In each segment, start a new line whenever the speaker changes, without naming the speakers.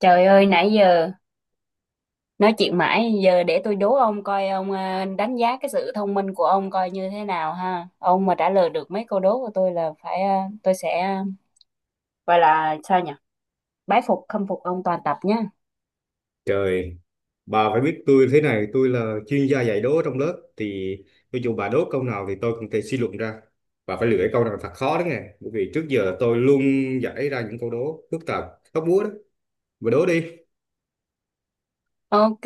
Trời ơi, nãy giờ nói chuyện mãi, giờ để tôi đố ông coi ông đánh giá cái sự thông minh của ông coi như thế nào ha. Ông mà trả lời được mấy câu đố của tôi là phải tôi sẽ gọi là sao nhỉ? Bái phục khâm phục ông toàn tập nhá.
Trời, bà phải biết tôi thế này, tôi là chuyên gia dạy đố trong lớp thì cho dù bà đố câu nào thì tôi cũng thể suy luận ra. Bà phải lựa câu nào thật khó đó nghe, bởi vì trước giờ tôi luôn giải ra những câu đố phức tạp, hóc búa đó. Bà đố đi.
Ok.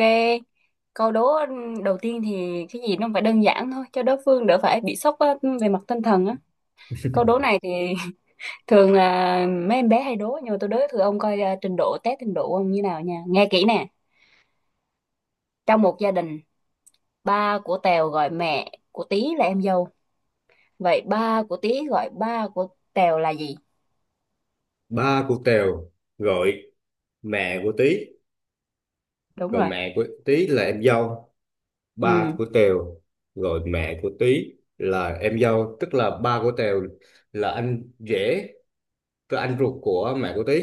Câu đố đầu tiên thì cái gì nó phải đơn giản thôi cho đối phương đỡ phải bị sốc á, về mặt tinh thần á. Câu đố này thì thường là mấy em bé hay đố nhưng mà tôi đố thử ông coi trình độ test trình độ của ông như nào nha. Nghe kỹ nè. Trong một gia đình, ba của Tèo gọi mẹ của Tí là em dâu, vậy ba của Tí gọi ba của Tèo là gì?
Ba của Tèo gọi mẹ của Tí,
Đúng
rồi
rồi.
mẹ của Tí là em dâu. Ba
Ừ,
của Tèo gọi mẹ của Tí là em dâu, tức là ba của Tèo là anh rể, tức là anh ruột của mẹ của Tí.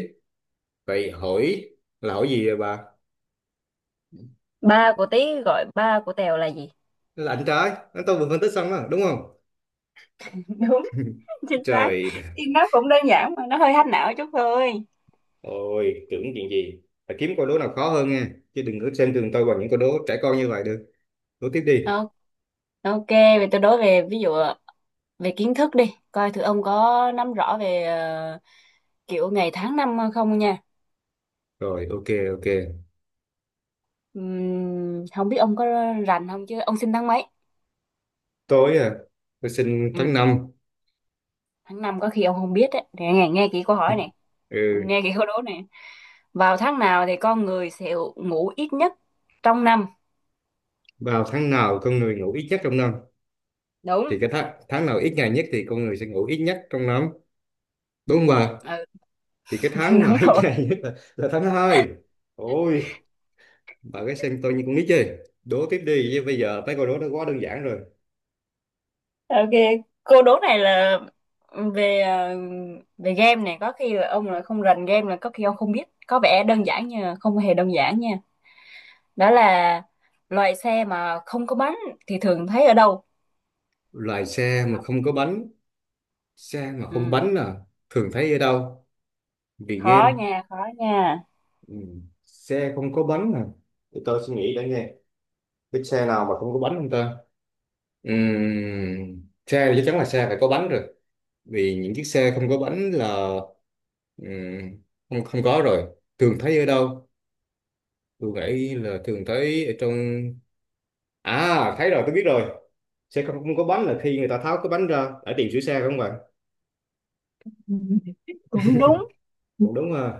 Vậy hỏi là hỏi gì vậy bà?
ba của Tí gọi ba của Tèo là gì?
Lạnh trái anh tôi vừa phân tích xong đó đúng không?
Đúng. Chính xác.
Trời ơi,
Thì nó cũng đơn giản mà nó hơi hack não chút thôi.
tưởng chuyện gì. Phải kiếm câu đố nào khó hơn nha, chứ đừng có xem thường tôi bằng những câu đố trẻ con như vậy được. Đố tiếp đi.
Ờ, ok, vậy tôi đối về ví dụ, về kiến thức đi coi thử ông có nắm rõ về kiểu ngày tháng năm không nha.
Rồi, ok ok.
Không biết ông có rành không chứ, ông sinh tháng mấy?
Tối à? Tôi sinh
Ừ,
tháng năm.
tháng năm có khi ông không biết đấy, nghe nghe kỹ câu hỏi này,
Ừ,
nghe kỹ câu đố này. Vào tháng nào thì con người sẽ ngủ ít nhất trong năm?
vào tháng nào con người ngủ ít nhất trong năm?
Đúng.
Thì cái tháng tháng nào ít ngày nhất thì con người sẽ ngủ ít nhất trong năm, đúng không bà?
Ừ,
Thì cái tháng
đúng
mà ít
rồi.
ngày nhất là tháng hai. Ôi, bà cái xem tôi như con nít chơi. Đố tiếp đi chứ, bây giờ mấy câu đố nó quá đơn giản rồi.
Ok, cô đố này là về về game này, có khi là ông là không rành game là có khi ông không biết. Có vẻ đơn giản nhưng mà không hề đơn giản nha. Đó là loại xe mà không có bánh thì thường thấy ở đâu?
Loài xe mà không có bánh? Xe mà không
Ừ,
bánh à? Thường thấy ở đâu? Vì
khó
game.
nha, khó nha.
Ừ. Xe không có bánh à? Để tôi suy nghĩ đã nghe, cái xe nào mà không có bánh không ta? Xe thì chắc chắn là xe phải có bánh rồi, vì những chiếc xe không có bánh là ừm, không không có rồi. Thường thấy ở đâu? Tôi nghĩ là thường thấy ở trong. À, thấy rồi, tôi biết rồi. Xe không, không có bánh là khi người ta tháo cái bánh ra để tìm sửa xe, đúng không ạ?
Cũng đúng,
Cũng đúng ha.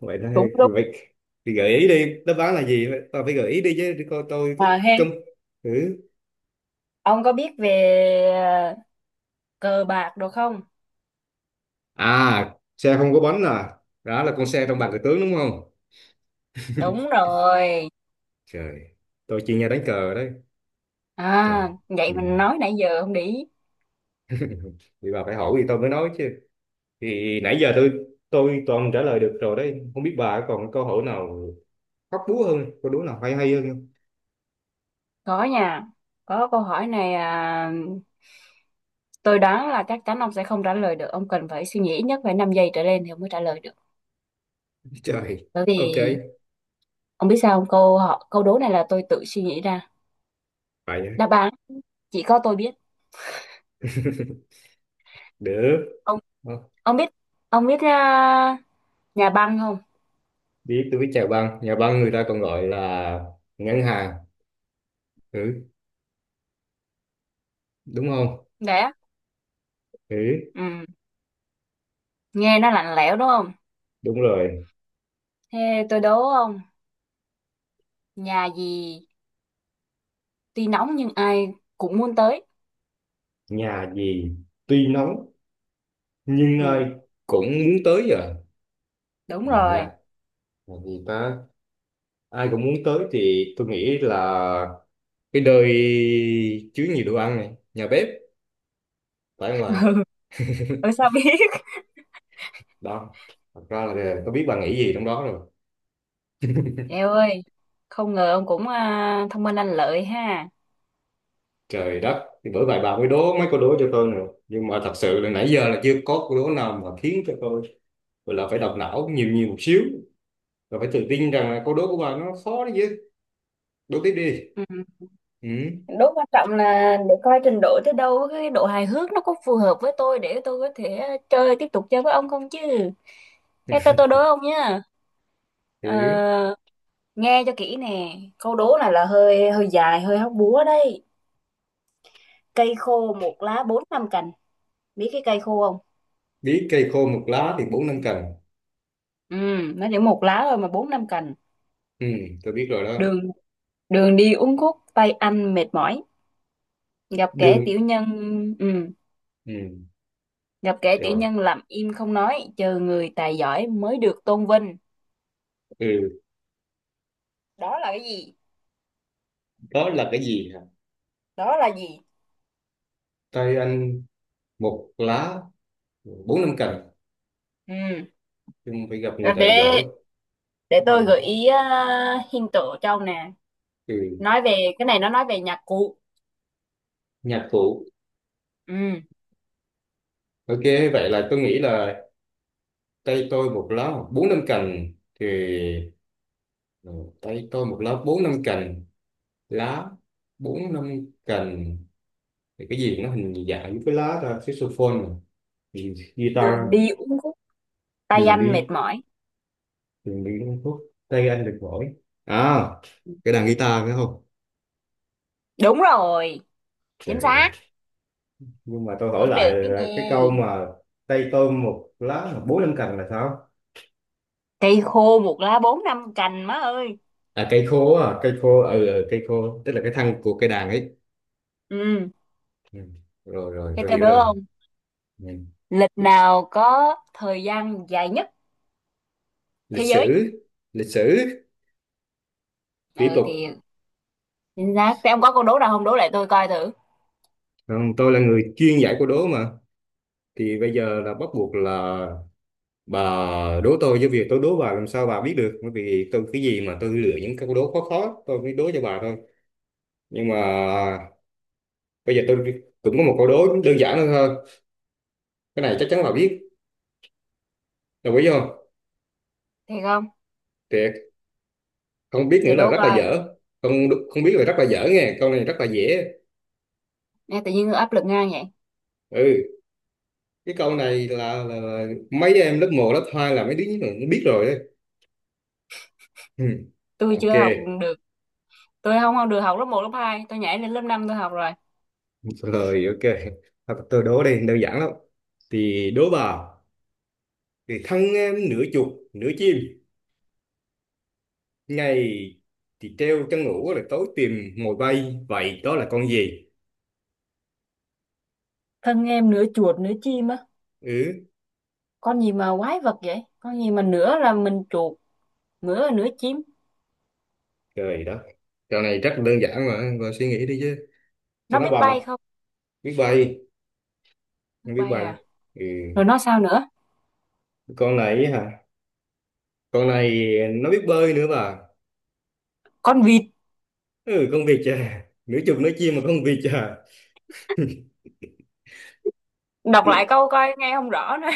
Vậy là
cũng đúng
vậy thì gợi ý đi, đáp án là gì, tao phải gợi ý đi chứ để coi tôi có
mà he.
cơm thử.
Ông có biết về ờ, cờ bạc được không?
À, xe không có bánh à, đó là con xe trong
Ừ,
bàn cờ tướng đúng không?
đúng rồi.
Trời, tôi chuyên gia đánh cờ đấy.
À,
Thật.
vậy
Ừ.
mình nói nãy giờ không để ý.
Thì bà phải hỏi thì tôi mới nói chứ. Thì nãy giờ tôi toàn trả lời được rồi đấy, không biết bà còn câu hỏi nào hóc búa hơn, câu đố nào hay hay hơn không?
Có nha. Có câu hỏi này à, tôi đoán là chắc chắn ông sẽ không trả lời được. Ông cần phải suy nghĩ ít nhất phải 5 giây trở lên thì ông mới trả lời được.
Trời,
Bởi
ok
vì ông biết sao không? Câu đố này là tôi tự suy nghĩ ra.
vậy
Đáp án chỉ có tôi biết.
được.
Ông
Ờ,
ông biết ông biết à, nhà băng không?
biết, tôi biết. Chào băng, nhà băng người ta còn gọi là ngân hàng, ừ, đúng không?
Đấy á.
Ừ,
Ừ, nghe nó lạnh lẽo đúng không?
đúng rồi.
Thế tôi đố ông, nhà gì tuy nóng nhưng ai cũng muốn tới.
Nhà gì tuy nóng nhưng
Ừ,
ai cũng muốn tới giờ?
đúng
À,
rồi.
là gì ta? Ai cũng muốn tới thì tôi nghĩ là cái nơi chứa nhiều đồ ăn này, nhà bếp, phải không bà?
Ừ, sao biết?
Đó, thật ra là có biết bà nghĩ gì trong đó rồi.
Eo ơi, không ngờ ông cũng thông minh lanh lợi ha.
Trời đất, thì bởi vậy bà mới đố mấy câu đố cho tôi nữa, nhưng mà thật sự là nãy giờ là chưa có câu đố nào mà khiến cho tôi gọi là phải đọc não nhiều nhiều một xíu, rồi phải tự tin rằng là câu đố của bạn nó khó đấy chứ. Đố tiếp đi.
Ừ.
Ừ.
Đố quan trọng là để coi trình độ tới đâu, cái độ hài hước nó có phù hợp với tôi để tôi có thể tiếp tục chơi với ông không chứ. Thế tôi đố ông nhá. Ờ,
Thử.
Nghe cho kỹ nè, câu đố này là hơi hơi dài, hơi hóc búa đấy. Cây khô một lá bốn năm cành, biết cái cây khô không?
Biết, cây khô một lá thì bốn năm cần.
Ừ, nó chỉ một lá thôi mà bốn năm cành.
Ừ. Tôi biết rồi đó.
Đường đường đi uốn khúc, tay anh mệt mỏi. gặp kẻ
Đường.
tiểu nhân ừ,
Ừ.
gặp kẻ tiểu
Rồi.
nhân làm im không nói, chờ người tài giỏi mới được tôn vinh.
Ừ.
Đó là cái gì?
Đó là cái gì hả?
Đó là gì?
Tay anh một lá bốn năm cần
Ừ.
nhưng phải gặp người
Rồi
tài
để
giỏi.
tôi gợi
Ừ.
ý, hint tổ cho ông nè.
Ừ.
Nói về cái này, nó nói về nhạc cụ.
Nhạc cụ.
Ừ.
Ok, vậy là tôi nghĩ là tay tôi một lá bốn năm cành thì ừ, tay tôi một lá bốn năm cành, lá bốn năm cành, thì cái gì nó hình dạng với cái lá ra saxophone mà.
Đường
Guitar.
đi uốn khúc, tay
Đường
anh mệt
đi,
mỏi.
đường đi uống thuốc, tay anh được mỗi. À, cái đàn guitar phải không?
Đúng rồi. Chính
Trời đất.
xác.
Nhưng mà tôi hỏi
Cũng được
lại
đấy
là
nha.
cái câu mà tay tôm một lá mà bốn năm cành là sao?
Cây khô một lá bốn năm cành má ơi.
À cây khô, à cây khô, ừ, ừ cây khô tức là cái thân của cây đàn ấy.
Ừ.
Ừ. Rồi rồi,
Thế
tôi
tao
hiểu
đố
rồi.
không?
Ừ.
Lịch nào có thời gian dài nhất
Lịch
thế giới?
sử. Lịch sử. Tiếp
Ừ
tục.
thì chính xác. Thế ông có câu đố nào không, đố lại tôi coi thử.
Còn tôi là người chuyên giải câu đố mà, thì bây giờ là bắt buộc là bà đố tôi, với việc tôi đố bà làm sao bà biết được, bởi vì tôi cái gì mà tôi lựa những câu đố khó khó tôi mới đố cho bà thôi. Nhưng mà bây giờ tôi cũng có một câu đố đơn giản hơn thôi, cái này chắc chắn bà biết, đồng ý không?
Thiệt không?
Thiệt. Không biết nữa
Để
là
đố
rất là
coi.
dở. Không, không biết là rất là dở, nghe câu này rất là dễ.
Nghe tự nhiên tôi áp lực ngang vậy.
Ừ, cái câu này là mấy đứa em lớp một lớp 2 là mấy đứa nó biết rồi đấy. Ừ.
Tôi
Ok.
chưa học được, tôi không học được học lớp một lớp hai, tôi nhảy lên lớp năm tôi học rồi.
Rồi ok. Thôi, tôi đố đây đơn giản lắm, thì đố bà, thì thân em nửa chuột nửa chim, ngày thì treo trăng ngủ là tối tìm mồi bay. Vậy đó là con gì?
Thân em nửa chuột nửa chim á.
Ừ,
Con gì mà quái vật vậy, con gì mà nửa là mình chuột, nửa là nửa chim?
trời đất. Trò này rất là đơn giản mà, bà suy nghĩ đi chứ. Sao
Nó
nó
biết
bà mà
bay không?
biết bay.
Biết
Không biết
bay
bay.
à?
Ừ,
Rồi nó sao nữa?
con này ấy hả? Con này nó biết bơi nữa bà.
Con vịt.
Ừ, con vịt à? Nửa chục nửa chim mà con vịt à?
Đọc lại câu coi, nghe không rõ nữa.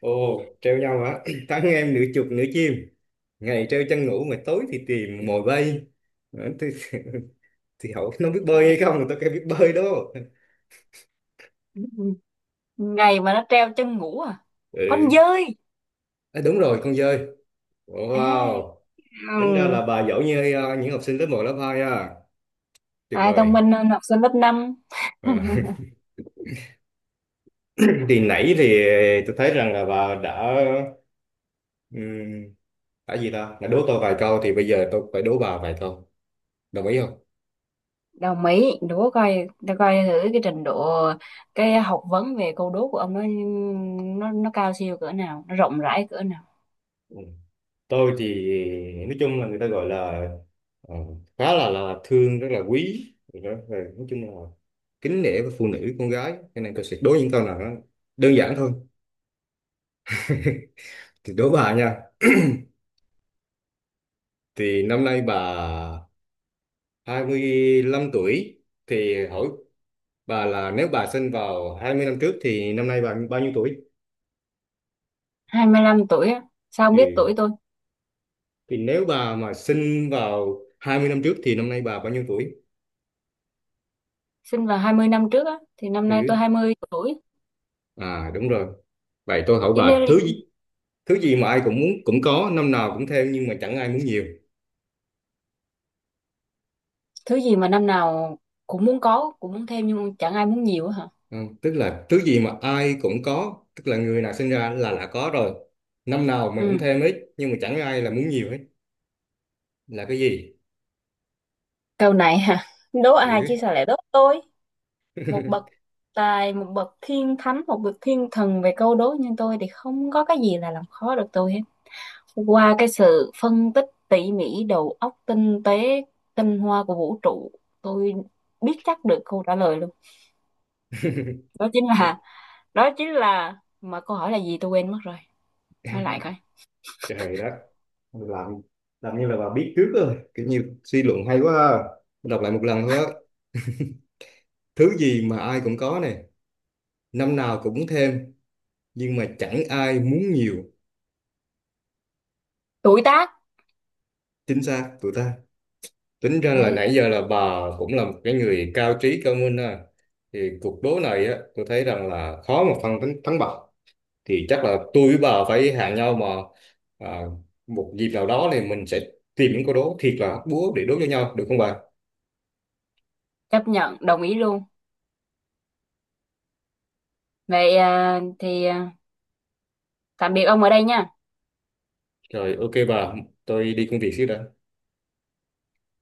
Ồ, treo nhau hả? Thắng em nửa chục nửa chim, ngày treo trăng ngủ mà tối thì tìm mồi bay. Ừ, thì hỏi nó biết bơi hay
ngày
không, tao kêu biết bơi đó.
Ngày mà nó treo chân ngủ à? Con
Ừ,
dơi.
à, đúng rồi, con dơi.
À,
Wow, tính ra
ừ.
là bà giỏi như những học sinh lớp một lớp 2 ha. Tuyệt
Ai thông
vời.
minh hơn học sinh lớp 5?
À. Thì nãy thì tôi thấy rằng là bà ừm, đã gì ta? Đã đố tôi vài câu thì bây giờ tôi phải đố bà vài câu. Đồng ý không?
Đồng ý, đố coi, đố coi thử cái trình độ, cái học vấn về câu đố của ông nó cao siêu cỡ nào, nó rộng rãi cỡ nào.
Ừ. Tôi thì nói chung là người ta gọi là ờ, khá là thương rất là quý. Rồi đó, rồi nói chung là kính nể với phụ nữ con gái, cho nên tôi sẽ đố những câu nào đó đơn giản thôi, thì đố bà nha. Thì năm nay bà 25 tuổi, thì hỏi bà là nếu bà sinh vào 20 năm trước thì năm nay bà bao nhiêu tuổi?
25 tuổi á? Sao ông
Ừ.
biết tuổi tôi?
Thì nếu bà mà sinh vào 20 năm trước thì năm nay bà bao nhiêu tuổi?
Sinh vào 20 năm trước á thì năm nay
Ừ.
tôi 20 tuổi.
À đúng rồi. Vậy tôi hỏi
Cho nên
bà
là
thứ gì mà ai cũng muốn cũng có, năm nào cũng theo nhưng mà chẳng ai muốn nhiều.
thứ gì mà năm nào cũng muốn có, cũng muốn thêm, nhưng chẳng ai muốn nhiều á hả?
Ừ. Tức là thứ gì mà ai cũng có, tức là người nào sinh ra là đã có rồi. Năm nào mình cũng
Ừ.
thêm hết nhưng mà chẳng ai là muốn nhiều hết. Là cái gì?
Câu này hả? Đố ai
Ừ.
chứ sao lại đố tôi. Một bậc tài, một bậc thiên thánh, một bậc thiên thần về câu đố như tôi thì không có cái gì là làm khó được tôi hết. Qua cái sự phân tích tỉ mỉ, đầu óc tinh tế, tinh hoa của vũ trụ, tôi biết chắc được câu trả lời luôn. Đó chính là, đó chính là, mà câu hỏi là gì tôi quên mất rồi, nói lại coi.
Trời đất. Làm như là bà biết trước rồi, kiểu như suy luận hay quá ha. Tôi đọc lại một lần thôi á, thứ gì mà ai cũng có này, năm nào cũng thêm nhưng mà chẳng ai muốn nhiều.
Tuổi tác.
Chính xác tụi ta. Tính ra là
Đấy.
nãy giờ là bà cũng là một cái người cao trí cao minh ha. Thì cuộc đố này á tôi thấy rằng là khó mà phân thắng, thắng bại, thì chắc là tôi với bà phải hẹn nhau mà à, một dịp nào đó thì mình sẽ tìm những câu đố thiệt là hóc búa để đố cho nhau, được không bà?
Chấp nhận đồng ý luôn. Vậy thì tạm biệt ông ở đây nha.
Rồi ok bà, tôi đi công việc xíu đã.